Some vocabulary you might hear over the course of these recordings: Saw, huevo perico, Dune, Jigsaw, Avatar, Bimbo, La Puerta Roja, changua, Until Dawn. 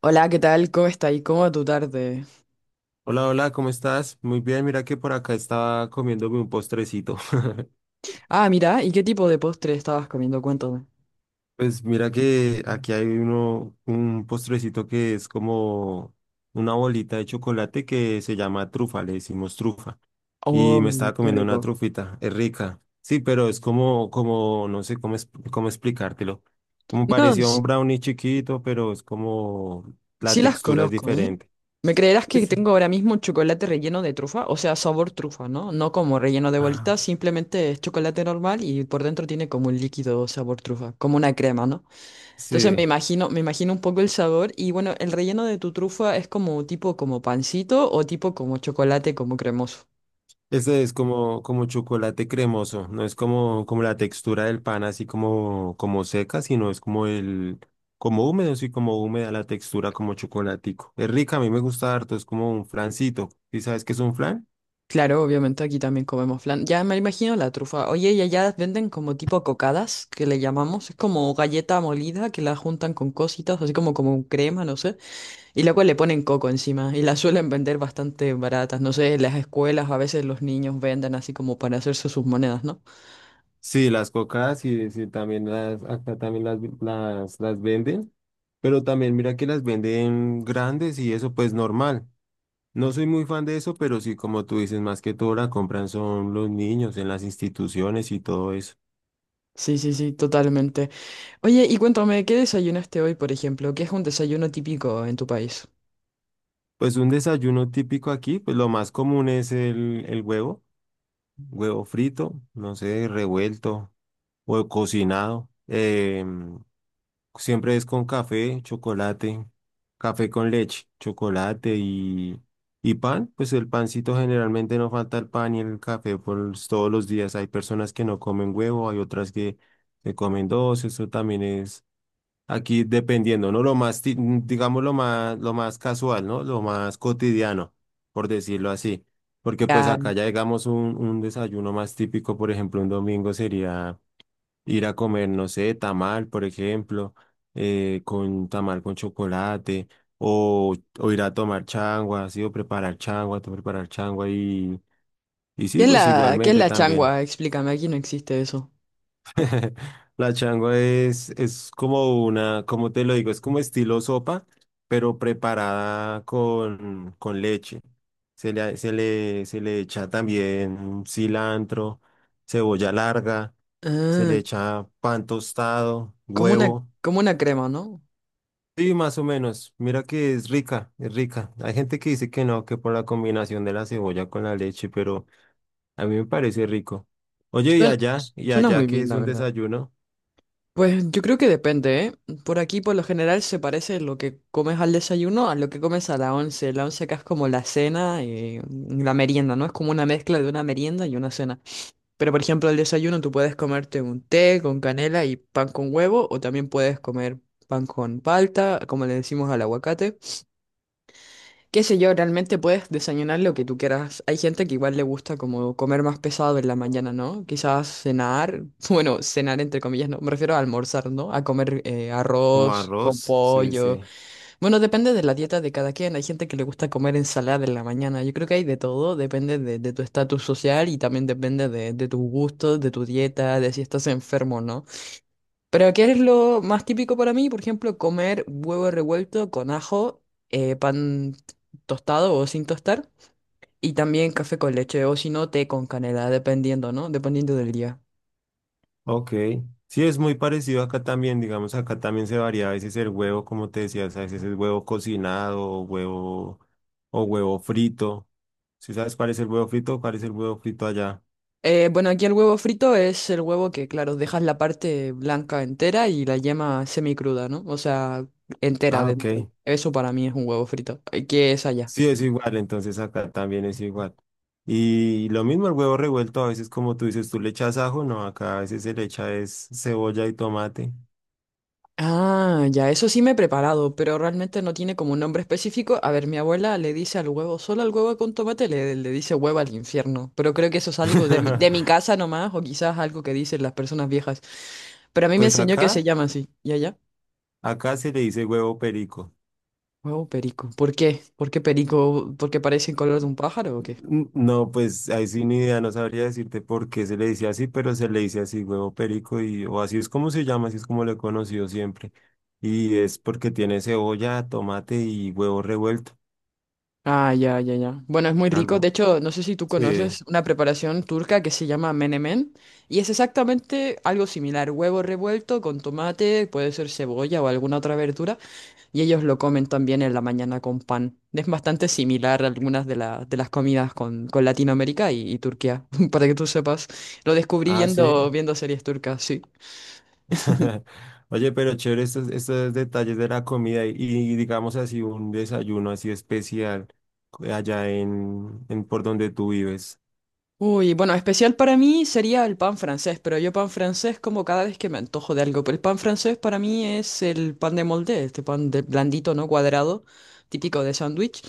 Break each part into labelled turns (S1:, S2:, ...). S1: Hola, ¿qué tal? ¿Cómo está? ¿Y cómo va tu tarde?
S2: Hola, hola, ¿cómo estás? Muy bien, mira que por acá estaba comiéndome un postrecito.
S1: Ah, mira, ¿y qué tipo de postre estabas comiendo? Cuéntame.
S2: Pues mira que aquí hay un postrecito que es como una bolita de chocolate que se llama trufa, le decimos trufa. Y me
S1: Oh,
S2: estaba
S1: qué
S2: comiendo una
S1: rico.
S2: trufita, es rica. Sí, pero es como, no sé cómo, cómo explicártelo. Como
S1: No,
S2: parecía
S1: s-
S2: un brownie chiquito, pero es como la
S1: Sí las
S2: textura es
S1: conozco, ¿eh?
S2: diferente.
S1: ¿Me creerás que
S2: Sí.
S1: tengo ahora mismo chocolate relleno de trufa? O sea, sabor trufa, ¿no? No como relleno de bolitas,
S2: Ah,
S1: simplemente es chocolate normal y por dentro tiene como un líquido sabor trufa, como una crema, ¿no? Entonces me
S2: sí.
S1: imagino, me imagino un poco el sabor y bueno, el relleno de tu trufa es como tipo como pancito o tipo como chocolate como cremoso.
S2: Este es como, como chocolate cremoso, no es como, como la textura del pan así como, como seca, sino es como como húmedo, sí, como húmeda la textura como chocolatico. Es rica, a mí me gusta harto, es como un flancito. ¿Y sabes qué es un flan?
S1: Claro, obviamente aquí también comemos flan. Ya me imagino la trufa. Oye, y allá venden como tipo cocadas, que le llamamos. Es como galleta molida que la juntan con cositas, así como crema, no sé. Y luego le ponen coco encima. Y las suelen vender bastante baratas. No sé, en las escuelas a veces los niños venden así como para hacerse sus monedas, ¿no?
S2: Sí, las cocadas y sí, también acá también las venden, pero también mira que las venden grandes y eso pues normal. No soy muy fan de eso, pero sí, como tú dices, más que todo la compran son los niños en las instituciones y todo eso.
S1: Sí, sí, sí, totalmente. Oye, y cuéntame, ¿qué desayunaste hoy, por ejemplo? ¿Qué es un desayuno típico en tu país?
S2: Pues un desayuno típico aquí, pues lo más común es el huevo, huevo frito, no sé, revuelto o cocinado. Siempre es con café, chocolate, café con leche, chocolate y pan. Pues el pancito generalmente no falta el pan y el café por todos los días. Hay personas que no comen huevo, hay otras que se comen dos, eso también es. Aquí dependiendo, ¿no? Lo más, digamos, lo más casual, ¿no? Lo más cotidiano, por decirlo así. Porque pues
S1: Ah,
S2: acá ya digamos un desayuno más típico, por ejemplo, un domingo sería ir a comer, no sé, tamal, por ejemplo, con tamal con chocolate, o ir a tomar changua, ¿sí? O preparar changua, preparar changua y
S1: ¿Qué
S2: sí,
S1: es
S2: pues
S1: la, qué es
S2: igualmente
S1: la
S2: también.
S1: changua? Explícame, aquí no existe eso.
S2: La changua es como una, como te lo digo, es como estilo sopa, pero preparada con leche. Se le echa también cilantro, cebolla larga, se
S1: Ah,
S2: le echa pan tostado,
S1: como una,
S2: huevo.
S1: como una crema, ¿no?
S2: Sí, más o menos. Mira que es rica, es rica. Hay gente que dice que no, que por la combinación de la cebolla con la leche, pero a mí me parece rico. Oye,
S1: Suena,
S2: y
S1: Suena muy
S2: allá que
S1: bien,
S2: es
S1: la
S2: un
S1: verdad.
S2: desayuno,
S1: Pues yo creo que depende, ¿eh? Por aquí, por lo general, se parece lo que comes al desayuno a lo que comes a la once. La once acá es como la cena y la merienda, ¿no? Es como una mezcla de una merienda y una cena. Pero, por ejemplo, al desayuno tú puedes comerte un té con canela y pan con huevo, o también puedes comer pan con palta, como le decimos al aguacate. Qué sé yo, realmente puedes desayunar lo que tú quieras. Hay gente que igual le gusta como comer más pesado en la mañana, ¿no? Quizás cenar, bueno, cenar entre comillas, ¿no? Me refiero a almorzar, ¿no? A comer
S2: como
S1: arroz con
S2: arroz, sí,
S1: pollo.
S2: sí.
S1: Bueno, depende de la dieta de cada quien. Hay gente que le gusta comer ensalada en la mañana. Yo creo que hay de todo, depende de tu estatus social y también depende de tus gustos, de tu dieta, de si estás enfermo, ¿no? Pero ¿qué es lo más típico para mí? Por ejemplo, comer huevo revuelto con ajo, pan tostado o sin tostar, y también café con leche o si no, té con canela, dependiendo, ¿no? Dependiendo del día.
S2: Ok, sí es muy parecido acá también, digamos, acá también se varía a veces el huevo, como te decías, a veces es huevo cocinado, o huevo frito. ¿Sí sabes cuál es el huevo frito? ¿Cuál es el huevo frito allá?
S1: Bueno, aquí el huevo frito es el huevo que, claro, dejas la parte blanca entera y la yema semicruda, ¿no? O sea, entera
S2: Ah, ok.
S1: dentro. Eso para mí es un huevo frito. ¿Qué es allá?
S2: Sí es igual, entonces acá también es igual. Y lo mismo el huevo revuelto, a veces como tú dices, tú le echas ajo, no, acá a veces se le echa es cebolla y tomate.
S1: Ah, ya, eso sí me he preparado, pero realmente no tiene como un nombre específico. A ver, mi abuela le dice al huevo, solo al huevo con tomate le dice huevo al infierno, pero creo que eso es algo de mi casa nomás, o quizás algo que dicen las personas viejas. Pero a mí me
S2: Pues
S1: enseñó que
S2: acá,
S1: se llama así, ¿y allá?
S2: acá se le dice huevo perico.
S1: Huevo perico. ¿Por qué? ¿Por qué perico? ¿Porque parece el color de un pájaro o qué?
S2: Mm, no, pues ahí sí ni idea, no sabría decirte por qué se le dice así, pero se le dice así, huevo perico, y, o así es como se llama, así es como lo he conocido siempre. Y es porque tiene cebolla, tomate y huevo revuelto,
S1: Ah, ya, ya, ya. Bueno, es muy rico. De
S2: algo.
S1: hecho, no sé si tú
S2: Sí.
S1: conoces una preparación turca que se llama menemen y es exactamente algo similar. Huevo revuelto con tomate, puede ser cebolla o alguna otra verdura y ellos lo comen también en la mañana con pan. Es bastante similar a algunas de las comidas con Latinoamérica y Turquía, para que tú sepas. Lo descubrí
S2: Ah, sí.
S1: viendo series turcas, sí.
S2: Oye, pero chévere estos detalles de la comida y digamos así un desayuno así especial allá en por donde tú vives.
S1: Uy, bueno, especial para mí sería el pan francés, pero yo pan francés como cada vez que me antojo de algo. Pero el pan francés para mí es el pan de molde, este pan de blandito, ¿no? Cuadrado, típico de sándwich.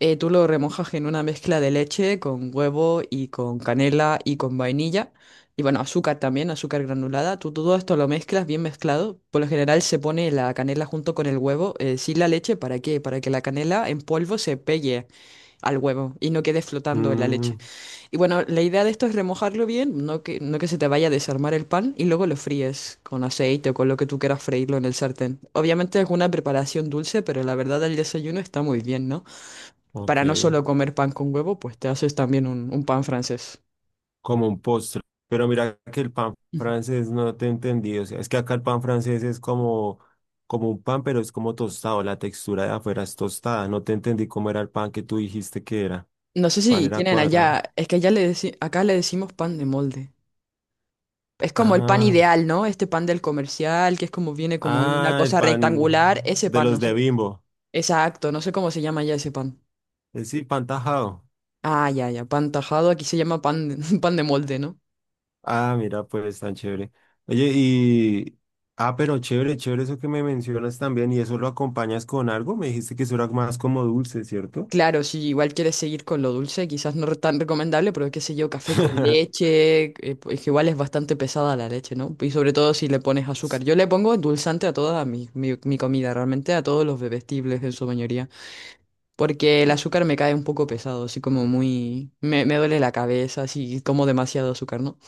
S1: Tú lo remojas en una mezcla de leche con huevo y con canela y con vainilla. Y bueno, azúcar también, azúcar granulada. Tú todo esto lo mezclas bien mezclado. Por lo general se pone la canela junto con el huevo, sin la leche, ¿para qué? Para que la canela en polvo se pegue al huevo y no quede flotando en la
S2: Mm,
S1: leche. Y bueno, la idea de esto es remojarlo bien, no que se te vaya a desarmar el pan, y luego lo fríes con aceite o con lo que tú quieras freírlo en el sartén. Obviamente es una preparación dulce, pero la verdad el desayuno está muy bien, ¿no?
S2: ok.
S1: Para no solo comer pan con huevo, pues te haces también un pan francés.
S2: Como un postre. Pero mira que el pan
S1: Ujú.
S2: francés no te entendí. O sea, es que acá el pan francés es como, como un pan, pero es como tostado. La textura de afuera es tostada. No te entendí cómo era el pan que tú dijiste que era.
S1: No sé
S2: Pan
S1: si
S2: era
S1: tienen
S2: cuadrado.
S1: allá, es que acá le decimos pan de molde. Es como el pan
S2: Ah,
S1: ideal, ¿no? Este pan del comercial, que es como viene como una
S2: ah, el
S1: cosa
S2: pan
S1: rectangular, ese
S2: de
S1: pan, no
S2: los de
S1: sé,
S2: Bimbo.
S1: exacto, no sé cómo se llama ya ese pan.
S2: Es sí, pan tajado.
S1: Ah, ya, ya, pan tajado, aquí se llama pan de, pan de molde, ¿no?
S2: Ah, mira, pues tan chévere. Oye, y. Ah, pero chévere, chévere eso que me mencionas también. ¿Y eso lo acompañas con algo? Me dijiste que eso era más como dulce, ¿cierto?
S1: Claro, si igual quieres seguir con lo dulce, quizás no tan recomendable, pero qué sé yo, café con leche, pues que igual es bastante pesada la leche, ¿no? Y sobre todo si le pones azúcar. Yo le pongo endulzante a toda mi comida, realmente a todos los bebestibles en su mayoría, porque el
S2: Eh,
S1: azúcar me cae un poco pesado, así como muy... Me duele la cabeza, así como demasiado azúcar, ¿no?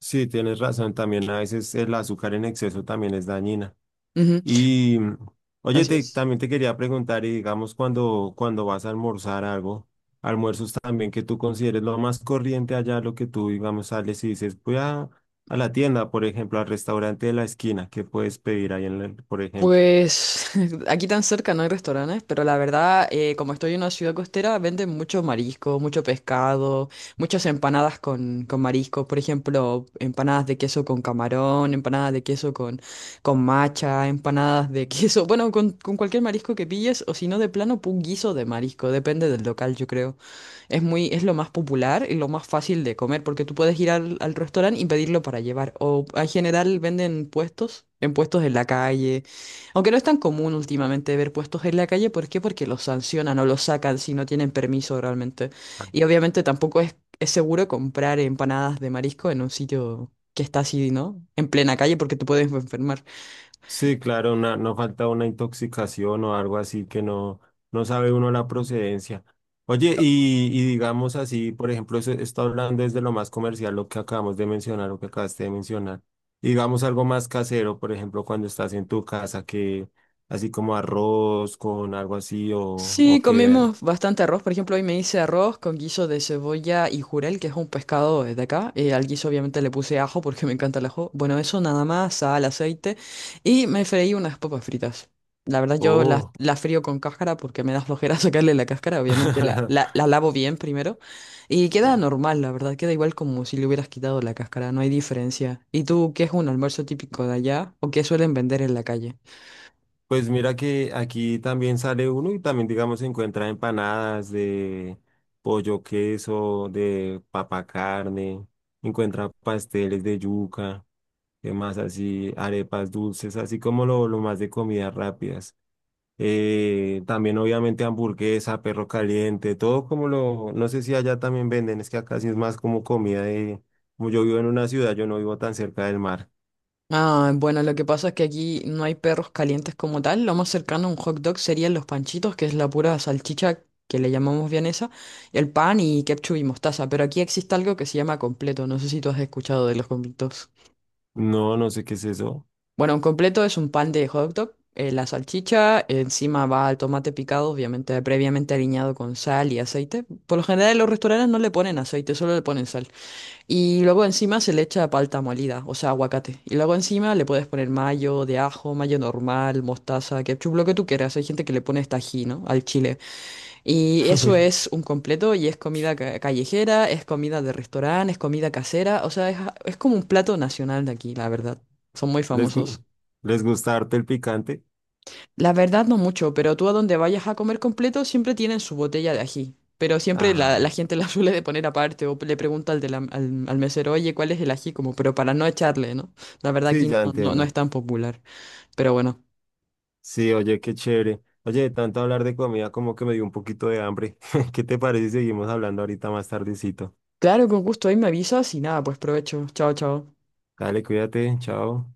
S2: Sí, tienes razón. También a veces el azúcar en exceso también es dañina.
S1: Ujú,
S2: Y mm, oye,
S1: así es.
S2: también te quería preguntar, y digamos, cuando vas a almorzar algo, almuerzos también que tú consideres lo más corriente allá, lo que tú, digamos, sales y dices, voy a la tienda, por ejemplo, al restaurante de la esquina, ¿qué puedes pedir ahí en el, por ejemplo?
S1: Pues aquí tan cerca no hay restaurantes, pero la verdad, como estoy en una ciudad costera, venden mucho marisco, mucho pescado, muchas empanadas con marisco, por ejemplo, empanadas de queso con camarón, empanadas de queso con macha, empanadas de queso, bueno, con cualquier marisco que pilles, o si no, de plano, un guiso de marisco, depende del local, yo creo es muy, es lo más popular y lo más fácil de comer, porque tú puedes ir al restaurante y pedirlo para llevar. O en general venden puestos, en puestos en la calle. Aunque no es tan común últimamente ver puestos en la calle, ¿por qué? Porque los sancionan o los sacan si no tienen permiso realmente. Y obviamente tampoco es, es seguro comprar empanadas de marisco en un sitio que está así, ¿no? En plena calle porque te puedes enfermar.
S2: Sí, claro, no falta una intoxicación o algo así que no, no sabe uno la procedencia. Oye, y digamos así, por ejemplo, eso está hablando desde lo más comercial, lo que acabamos de mencionar, lo que acabaste de mencionar. Y digamos algo más casero, por ejemplo, cuando estás en tu casa, que así como arroz con algo así
S1: Sí,
S2: o que...
S1: comimos bastante arroz. Por ejemplo, hoy me hice arroz con guiso de cebolla y jurel, que es un pescado de acá. Al guiso obviamente le puse ajo porque me encanta el ajo. Bueno, eso nada más, sal, aceite. Y me freí unas papas fritas. La verdad, yo
S2: Oh.
S1: las frío con cáscara porque me da flojera sacarle la cáscara. Obviamente la, la, la lavo bien primero. Y queda normal, la verdad. Queda igual como si le hubieras quitado la cáscara. No hay diferencia. ¿Y tú qué es un almuerzo típico de allá o qué suelen vender en la calle?
S2: Pues mira que aquí también sale uno y también, digamos, se encuentra empanadas de pollo queso, de papa carne, encuentra pasteles de yuca, demás así, arepas dulces, así como lo más de comidas rápidas. También obviamente hamburguesa, perro caliente, todo como lo, no sé si allá también venden, es que acá sí es más como comida de, como yo vivo en una ciudad, yo no vivo tan cerca del mar.
S1: Ah, bueno, lo que pasa es que aquí no hay perros calientes como tal. Lo más cercano a un hot dog serían los panchitos, que es la pura salchicha que le llamamos vienesa, el pan y ketchup y mostaza. Pero aquí existe algo que se llama completo. No sé si tú has escuchado de los completos.
S2: No, no sé qué es eso.
S1: Bueno, un completo es un pan de hot dog, la salchicha, encima va el tomate picado, obviamente previamente aliñado con sal y aceite. Por lo general en los restaurantes no le ponen aceite, solo le ponen sal. Y luego encima se le echa palta molida, o sea, aguacate. Y luego encima le puedes poner mayo de ajo, mayo normal, mostaza, ketchup, lo que tú quieras. Hay gente que le pone hasta ¿no? Al chile. Y eso es un completo y es callejera, es comida de restaurante, es comida casera. O sea, es como un plato nacional de aquí, la verdad. Son muy
S2: ¿Les,
S1: famosos.
S2: les gusta harto el picante?
S1: La verdad no mucho, pero tú a donde vayas a comer completo siempre tienen su botella de ají. Pero siempre la
S2: Ah,
S1: gente la suele de poner aparte o le pregunta al, al mesero, oye, ¿cuál es el ají? Como, pero para no echarle, ¿no? La verdad
S2: sí,
S1: aquí no,
S2: ya
S1: no, no es
S2: entiendo.
S1: tan popular. Pero bueno,
S2: Sí, oye, qué chévere. Oye, de tanto hablar de comida, como que me dio un poquito de hambre. ¿Qué te parece si seguimos hablando ahorita más tardecito?
S1: claro, con gusto ahí me avisas y nada, pues provecho. Chao, chao.
S2: Dale, cuídate, chao.